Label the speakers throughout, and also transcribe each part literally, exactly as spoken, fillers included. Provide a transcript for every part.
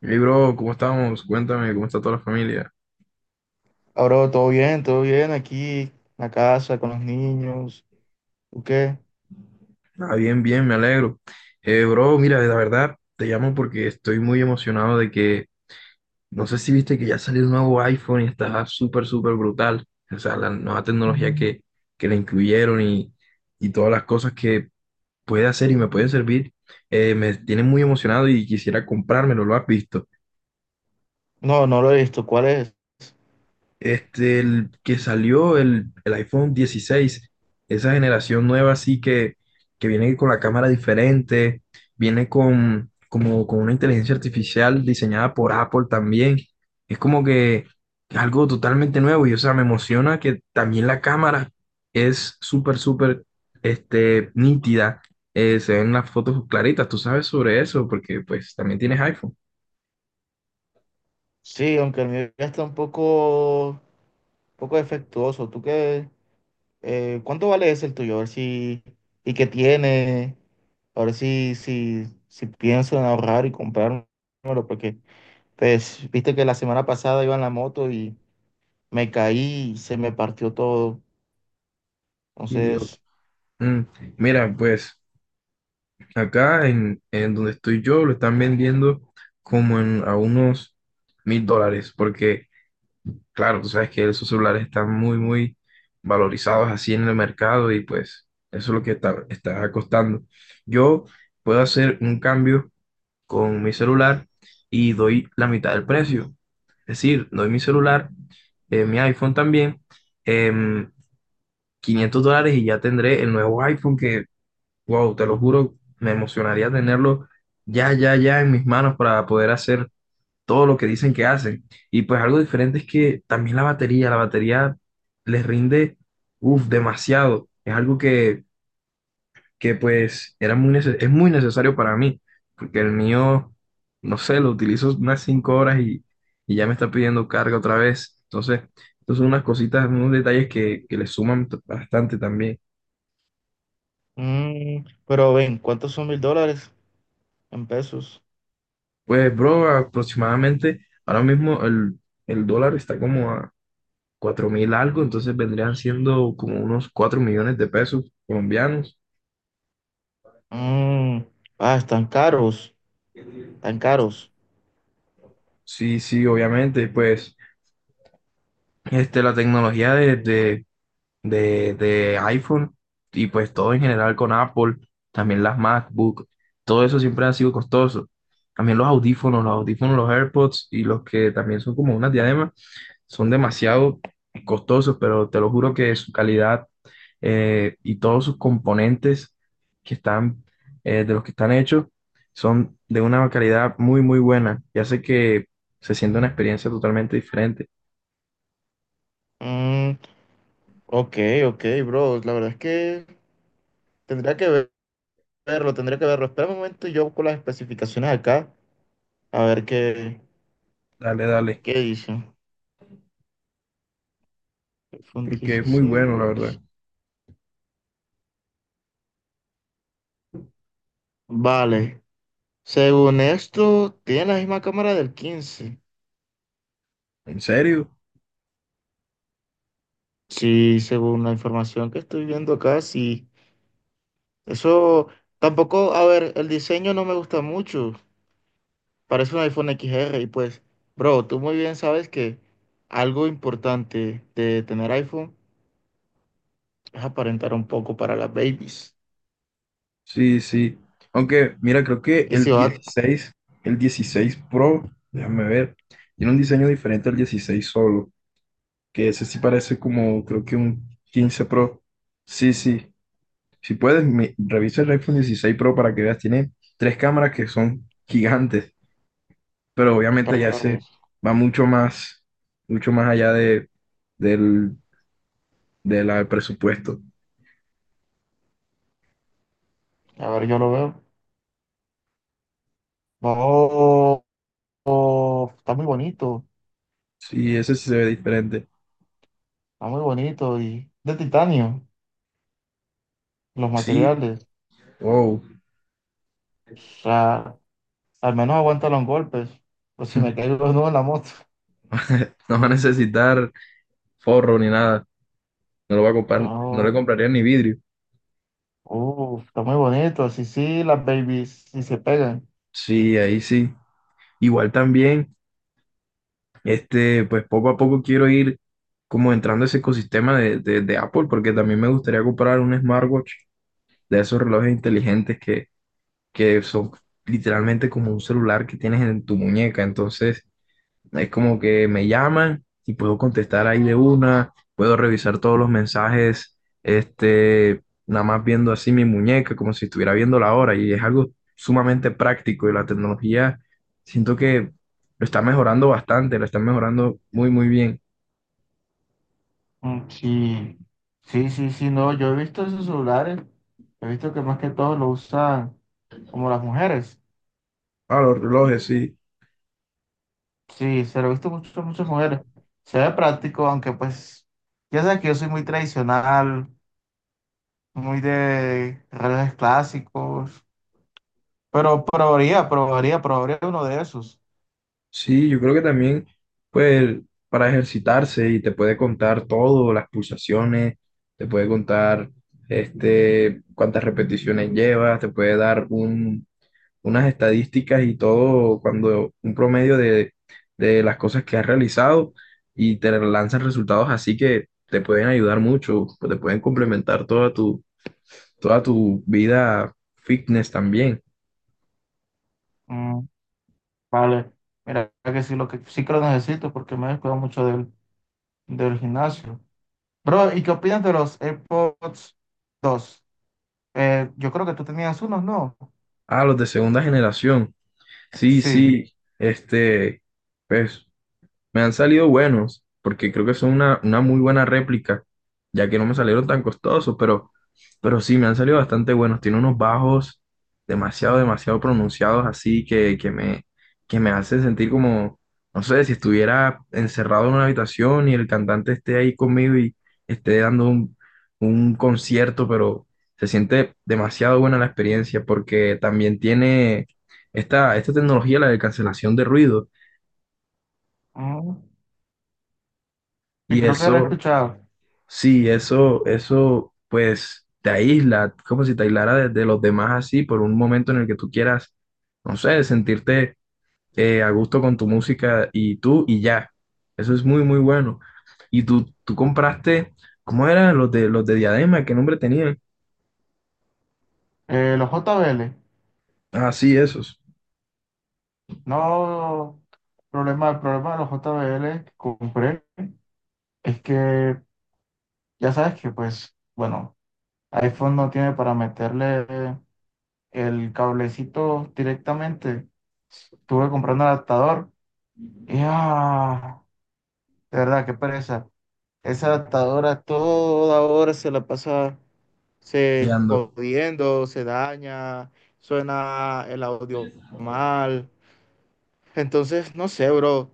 Speaker 1: Hey, bro, ¿cómo estamos? Cuéntame, ¿cómo está toda la familia?
Speaker 2: Ahora todo bien, todo bien aquí en la casa con los niños. ¿Tú qué?
Speaker 1: Ah, bien, bien, me alegro. Eh, bro, mira, la verdad, te llamo porque estoy muy emocionado de que, no sé si viste que ya salió el nuevo iPhone y está súper, súper brutal. O sea, la nueva tecnología que, que le incluyeron y, y todas las cosas que puede hacer y me puede servir, eh, me tiene muy emocionado y quisiera comprármelo, ¿lo has visto?
Speaker 2: No, no lo he visto. ¿Cuál es?
Speaker 1: Este, el que salió el, el iPhone dieciséis esa generación nueva así que, que viene con la cámara diferente, viene con, como, con una inteligencia artificial diseñada por Apple también. Es como que algo totalmente nuevo y o sea, me emociona que también la cámara es súper, súper este, nítida. Eh, se ven las fotos claritas, tú sabes sobre eso porque pues también tienes iPhone.
Speaker 2: Sí, aunque el mío ya está un poco, un poco defectuoso. ¿Tú qué? Eh, ¿cuánto vale ese el tuyo? A ver si, y qué tiene. A ver si, si, si pienso en ahorrar y comprármelo, porque pues viste que la semana pasada iba en la moto y me caí y se me partió todo.
Speaker 1: Y yo,
Speaker 2: Entonces,
Speaker 1: Mm, mira, pues acá en, en donde estoy yo lo están vendiendo como en, a unos mil dólares, porque claro, tú sabes que esos celulares están muy, muy valorizados así en el mercado y pues eso es lo que está, está costando. Yo puedo hacer un cambio con mi celular y doy la mitad del precio. Es decir, doy mi celular, eh, mi iPhone también, em, quinientos dólares y ya tendré el nuevo iPhone que wow, te lo juro, me emocionaría tenerlo ya, ya, ya en mis manos para poder hacer todo lo que dicen que hacen. Y pues algo diferente es que también la batería, la batería les rinde, uff, demasiado. Es algo que, que pues era muy nece- es muy necesario para mí, porque el mío, no sé, lo utilizo unas cinco horas y, y ya me está pidiendo carga otra vez. Entonces, entonces son unas cositas, unos detalles que, que le suman t- bastante también.
Speaker 2: mm, pero ven, ¿cuántos son mil dólares en pesos?
Speaker 1: Pues, bro, aproximadamente ahora mismo el, el dólar está como a cuatro mil algo, entonces vendrían siendo como unos cuatro millones de pesos colombianos.
Speaker 2: Mm, ah, están caros, tan caros.
Speaker 1: Sí, sí, obviamente, pues este, la tecnología de, de, de, de iPhone y pues todo en general con Apple, también las MacBook, todo eso siempre ha sido costoso. También los audífonos, los audífonos, los AirPods y los que también son como unas diademas, son demasiado costosos, pero te lo juro que su calidad eh, y todos sus componentes que están, eh, de los que están hechos, son de una calidad muy, muy buena y hace que se sienta una experiencia totalmente diferente.
Speaker 2: Mm, OK, OK, bro. La verdad es que tendría que ver- verlo, tendría que verlo. Espera un momento, yo busco las especificaciones acá, a ver qué,
Speaker 1: Dale, dale,
Speaker 2: qué dice. iPhone
Speaker 1: porque es muy bueno, la
Speaker 2: dieciséis.
Speaker 1: verdad.
Speaker 2: Vale. Según esto, tiene la misma cámara del quince.
Speaker 1: ¿En serio?
Speaker 2: Sí, según la información que estoy viendo acá, sí. Eso tampoco, a ver, el diseño no me gusta mucho. Parece un iPhone X R y pues, bro, tú muy bien sabes que algo importante de tener iPhone es aparentar un poco para las babies.
Speaker 1: Sí, sí. Aunque, mira, creo que
Speaker 2: Y
Speaker 1: el
Speaker 2: si va,
Speaker 1: dieciséis el dieciséis Pro, déjame ver, tiene un diseño diferente al dieciséis solo. Que ese sí parece como, creo que un quince Pro. Sí, sí. Si puedes, me- revisa el iPhone dieciséis Pro para que veas. Tiene tres cámaras que son gigantes, pero obviamente
Speaker 2: espera,
Speaker 1: ya
Speaker 2: yo lo
Speaker 1: se
Speaker 2: reviso.
Speaker 1: va mucho más, mucho más allá de, del, de la- del presupuesto.
Speaker 2: A ver, yo lo veo. Oh, oh, está muy bonito,
Speaker 1: Sí, ese sí se ve diferente.
Speaker 2: está muy bonito y de titanio, los
Speaker 1: Sí,
Speaker 2: materiales.
Speaker 1: wow.
Speaker 2: O sea, al menos aguanta los golpes. Pues si me caigo de nuevo en la moto.
Speaker 1: No va a necesitar forro ni nada. No lo va a comprar, no le compraría ni vidrio.
Speaker 2: Oh, uh, está muy bonito, así sí, las babies, si se pegan.
Speaker 1: Sí, ahí sí. Igual también. Este, pues poco a poco quiero ir como entrando a ese ecosistema de, de- de Apple, porque también me gustaría comprar un smartwatch de esos relojes inteligentes que, que son literalmente como un celular que tienes en tu muñeca. Entonces, es como que me llaman y puedo contestar ahí de una, puedo revisar todos los mensajes, este, nada más viendo así mi muñeca, como si estuviera viendo la hora, y es algo sumamente práctico y la tecnología siento que lo está mejorando bastante, la está mejorando muy, muy bien.
Speaker 2: Mm, sí, sí, sí, sí, no, yo he visto esos celulares, he visto que más que todo lo usan como las mujeres.
Speaker 1: Ah, los relojes, sí.
Speaker 2: Sí, se lo he visto mucho, muchas mujeres. Se ve práctico, aunque pues, ya sabes que yo soy muy tradicional, muy de relojes clásicos, pero probaría, probaría, probaría uno de esos.
Speaker 1: Sí, yo creo que también, pues, para ejercitarse y te puede contar todo, las pulsaciones, te puede contar, este, cuántas repeticiones llevas, te puede dar un, unas estadísticas y todo, cuando un promedio de, de las cosas que has realizado y te lanzan resultados así que te pueden ayudar mucho, te pueden complementar toda tu, toda tu vida fitness también.
Speaker 2: Mm, vale, mira que sí, lo que sí que lo necesito porque me he descuidado mucho del, del gimnasio. Bro, ¿y qué opinas de los AirPods dos? Eh, yo creo que tú tenías unos, ¿no?
Speaker 1: Ah, los de segunda generación. Sí,
Speaker 2: Sí.
Speaker 1: sí, este, pues me han salido buenos, porque creo que son una, una muy buena réplica, ya que no me salieron tan costosos, pero, pero sí, me han salido bastante buenos. Tiene unos bajos demasiado, demasiado pronunciados, así que, que me, que me hace sentir como, no sé, si estuviera encerrado en una habitación y el cantante esté ahí conmigo y esté dando un, un concierto, pero se siente demasiado buena la experiencia, porque también tiene esta, esta tecnología, la de cancelación de ruido,
Speaker 2: Mm, sí,
Speaker 1: y
Speaker 2: creo que era
Speaker 1: eso.
Speaker 2: escuchado.
Speaker 1: Sí, eso, eso, pues te aísla, como si te aislara de, de los demás así por un momento en el que tú quieras, no sé, sentirte eh, a gusto con tu música y tú y ya. Eso es muy, muy bueno. Y tú, tú compraste, ¿cómo eran los de los de Diadema? ¿Qué nombre tenían?
Speaker 2: Eh, los J B L.
Speaker 1: Ah, sí, esos.
Speaker 2: No, problema, el problema de los J B L que compré es que ya sabes que, pues, bueno, iPhone no tiene para meterle el cablecito directamente. Estuve comprando un adaptador y, ah, de verdad, qué pereza. Esa adaptadora toda hora se la pasa se
Speaker 1: Fallando.
Speaker 2: jodiendo, se daña, suena el audio mal. Entonces, no sé, bro.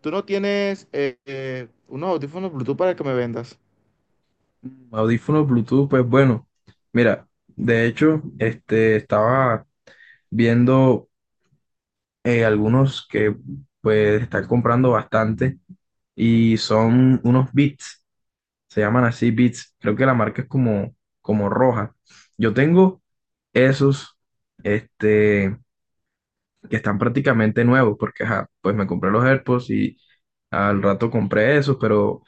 Speaker 2: Tú no tienes eh, eh, unos audífonos Bluetooth para que me vendas.
Speaker 1: Audífonos Bluetooth, pues bueno. Mira, de hecho, este, estaba viendo eh, algunos que pues están comprando bastante y son unos Beats se llaman así Beats creo que la marca es como, como roja. Yo tengo esos, este, que están prácticamente nuevos, porque ajá, pues me compré los AirPods y al rato compré esos, pero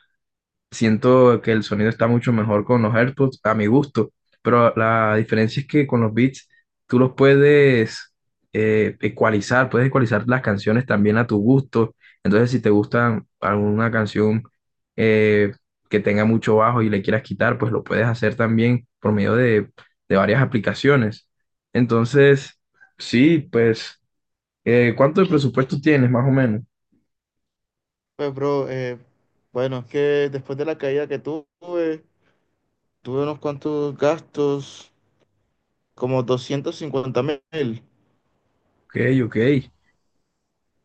Speaker 1: siento que el sonido está mucho mejor con los AirPods, a mi gusto, pero la diferencia es que con los beats tú los puedes eh, ecualizar, puedes ecualizar las canciones también a tu gusto. Entonces, si te gusta alguna canción eh, que tenga mucho bajo y le quieras quitar, pues lo puedes hacer también por medio de, de varias aplicaciones. Entonces, sí, pues, eh, ¿cuánto de presupuesto tienes más o menos?
Speaker 2: Pues, bro, eh, bueno, es que después de la caída que tuve, tuve unos cuantos gastos, como doscientos cincuenta mil.
Speaker 1: Ok, ok.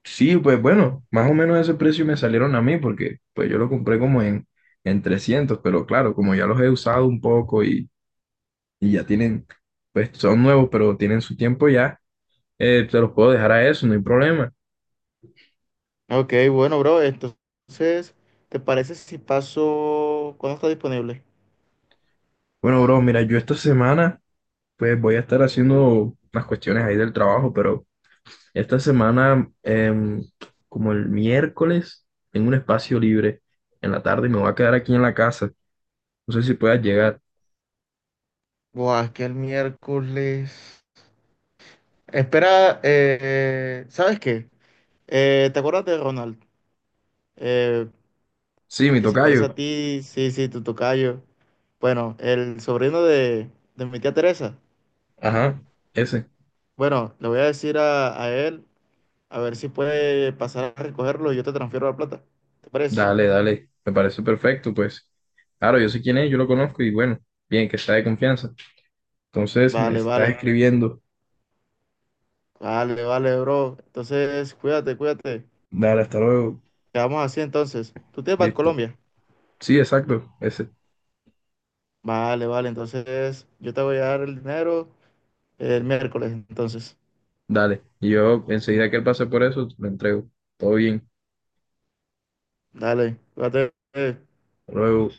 Speaker 1: Sí, pues bueno, más o menos ese precio me salieron a mí porque pues yo lo compré como en, en trescientos, pero claro, como ya los he usado un poco y, y ya tienen, pues son nuevos, pero tienen su tiempo ya, eh, te los puedo dejar a eso, no hay problema.
Speaker 2: OK, bueno, bro, entonces, ¿te parece si paso, cuándo está disponible?
Speaker 1: Bueno, bro, mira, yo esta semana pues voy a estar haciendo unas cuestiones ahí del trabajo, pero esta semana, em, como el miércoles, tengo un espacio libre en la tarde y me voy a quedar aquí en la casa. No sé si puedas llegar.
Speaker 2: Buah, es que el miércoles. Espera, eh, eh, ¿sabes qué? Eh, ¿te acuerdas de Ronald? Eh,
Speaker 1: Sí,
Speaker 2: el
Speaker 1: mi
Speaker 2: que se parece a
Speaker 1: tocayo.
Speaker 2: ti, sí, sí, tu tocayo. Bueno, el sobrino de, de mi tía Teresa.
Speaker 1: Ajá. Ese.
Speaker 2: Bueno, le voy a decir a, a él a ver si puede pasar a recogerlo y yo te transfiero la plata. ¿Te parece?
Speaker 1: Dale, dale, me parece perfecto, pues. Claro, yo sé quién es, yo lo conozco y bueno, bien, que sea de confianza. Entonces, me
Speaker 2: Vale,
Speaker 1: estás
Speaker 2: vale,
Speaker 1: escribiendo.
Speaker 2: vale, vale, bro. Entonces, cuídate, cuídate.
Speaker 1: Dale, hasta luego.
Speaker 2: Quedamos así entonces. ¿Tú tienes para
Speaker 1: Listo.
Speaker 2: Colombia?
Speaker 1: Sí, exacto, ese.
Speaker 2: Vale, vale, entonces yo te voy a dar el dinero el miércoles, entonces.
Speaker 1: Dale. Y yo enseguida que él pase por eso, me entrego. Todo bien.
Speaker 2: Dale, cuídate. eh.
Speaker 1: Hasta luego.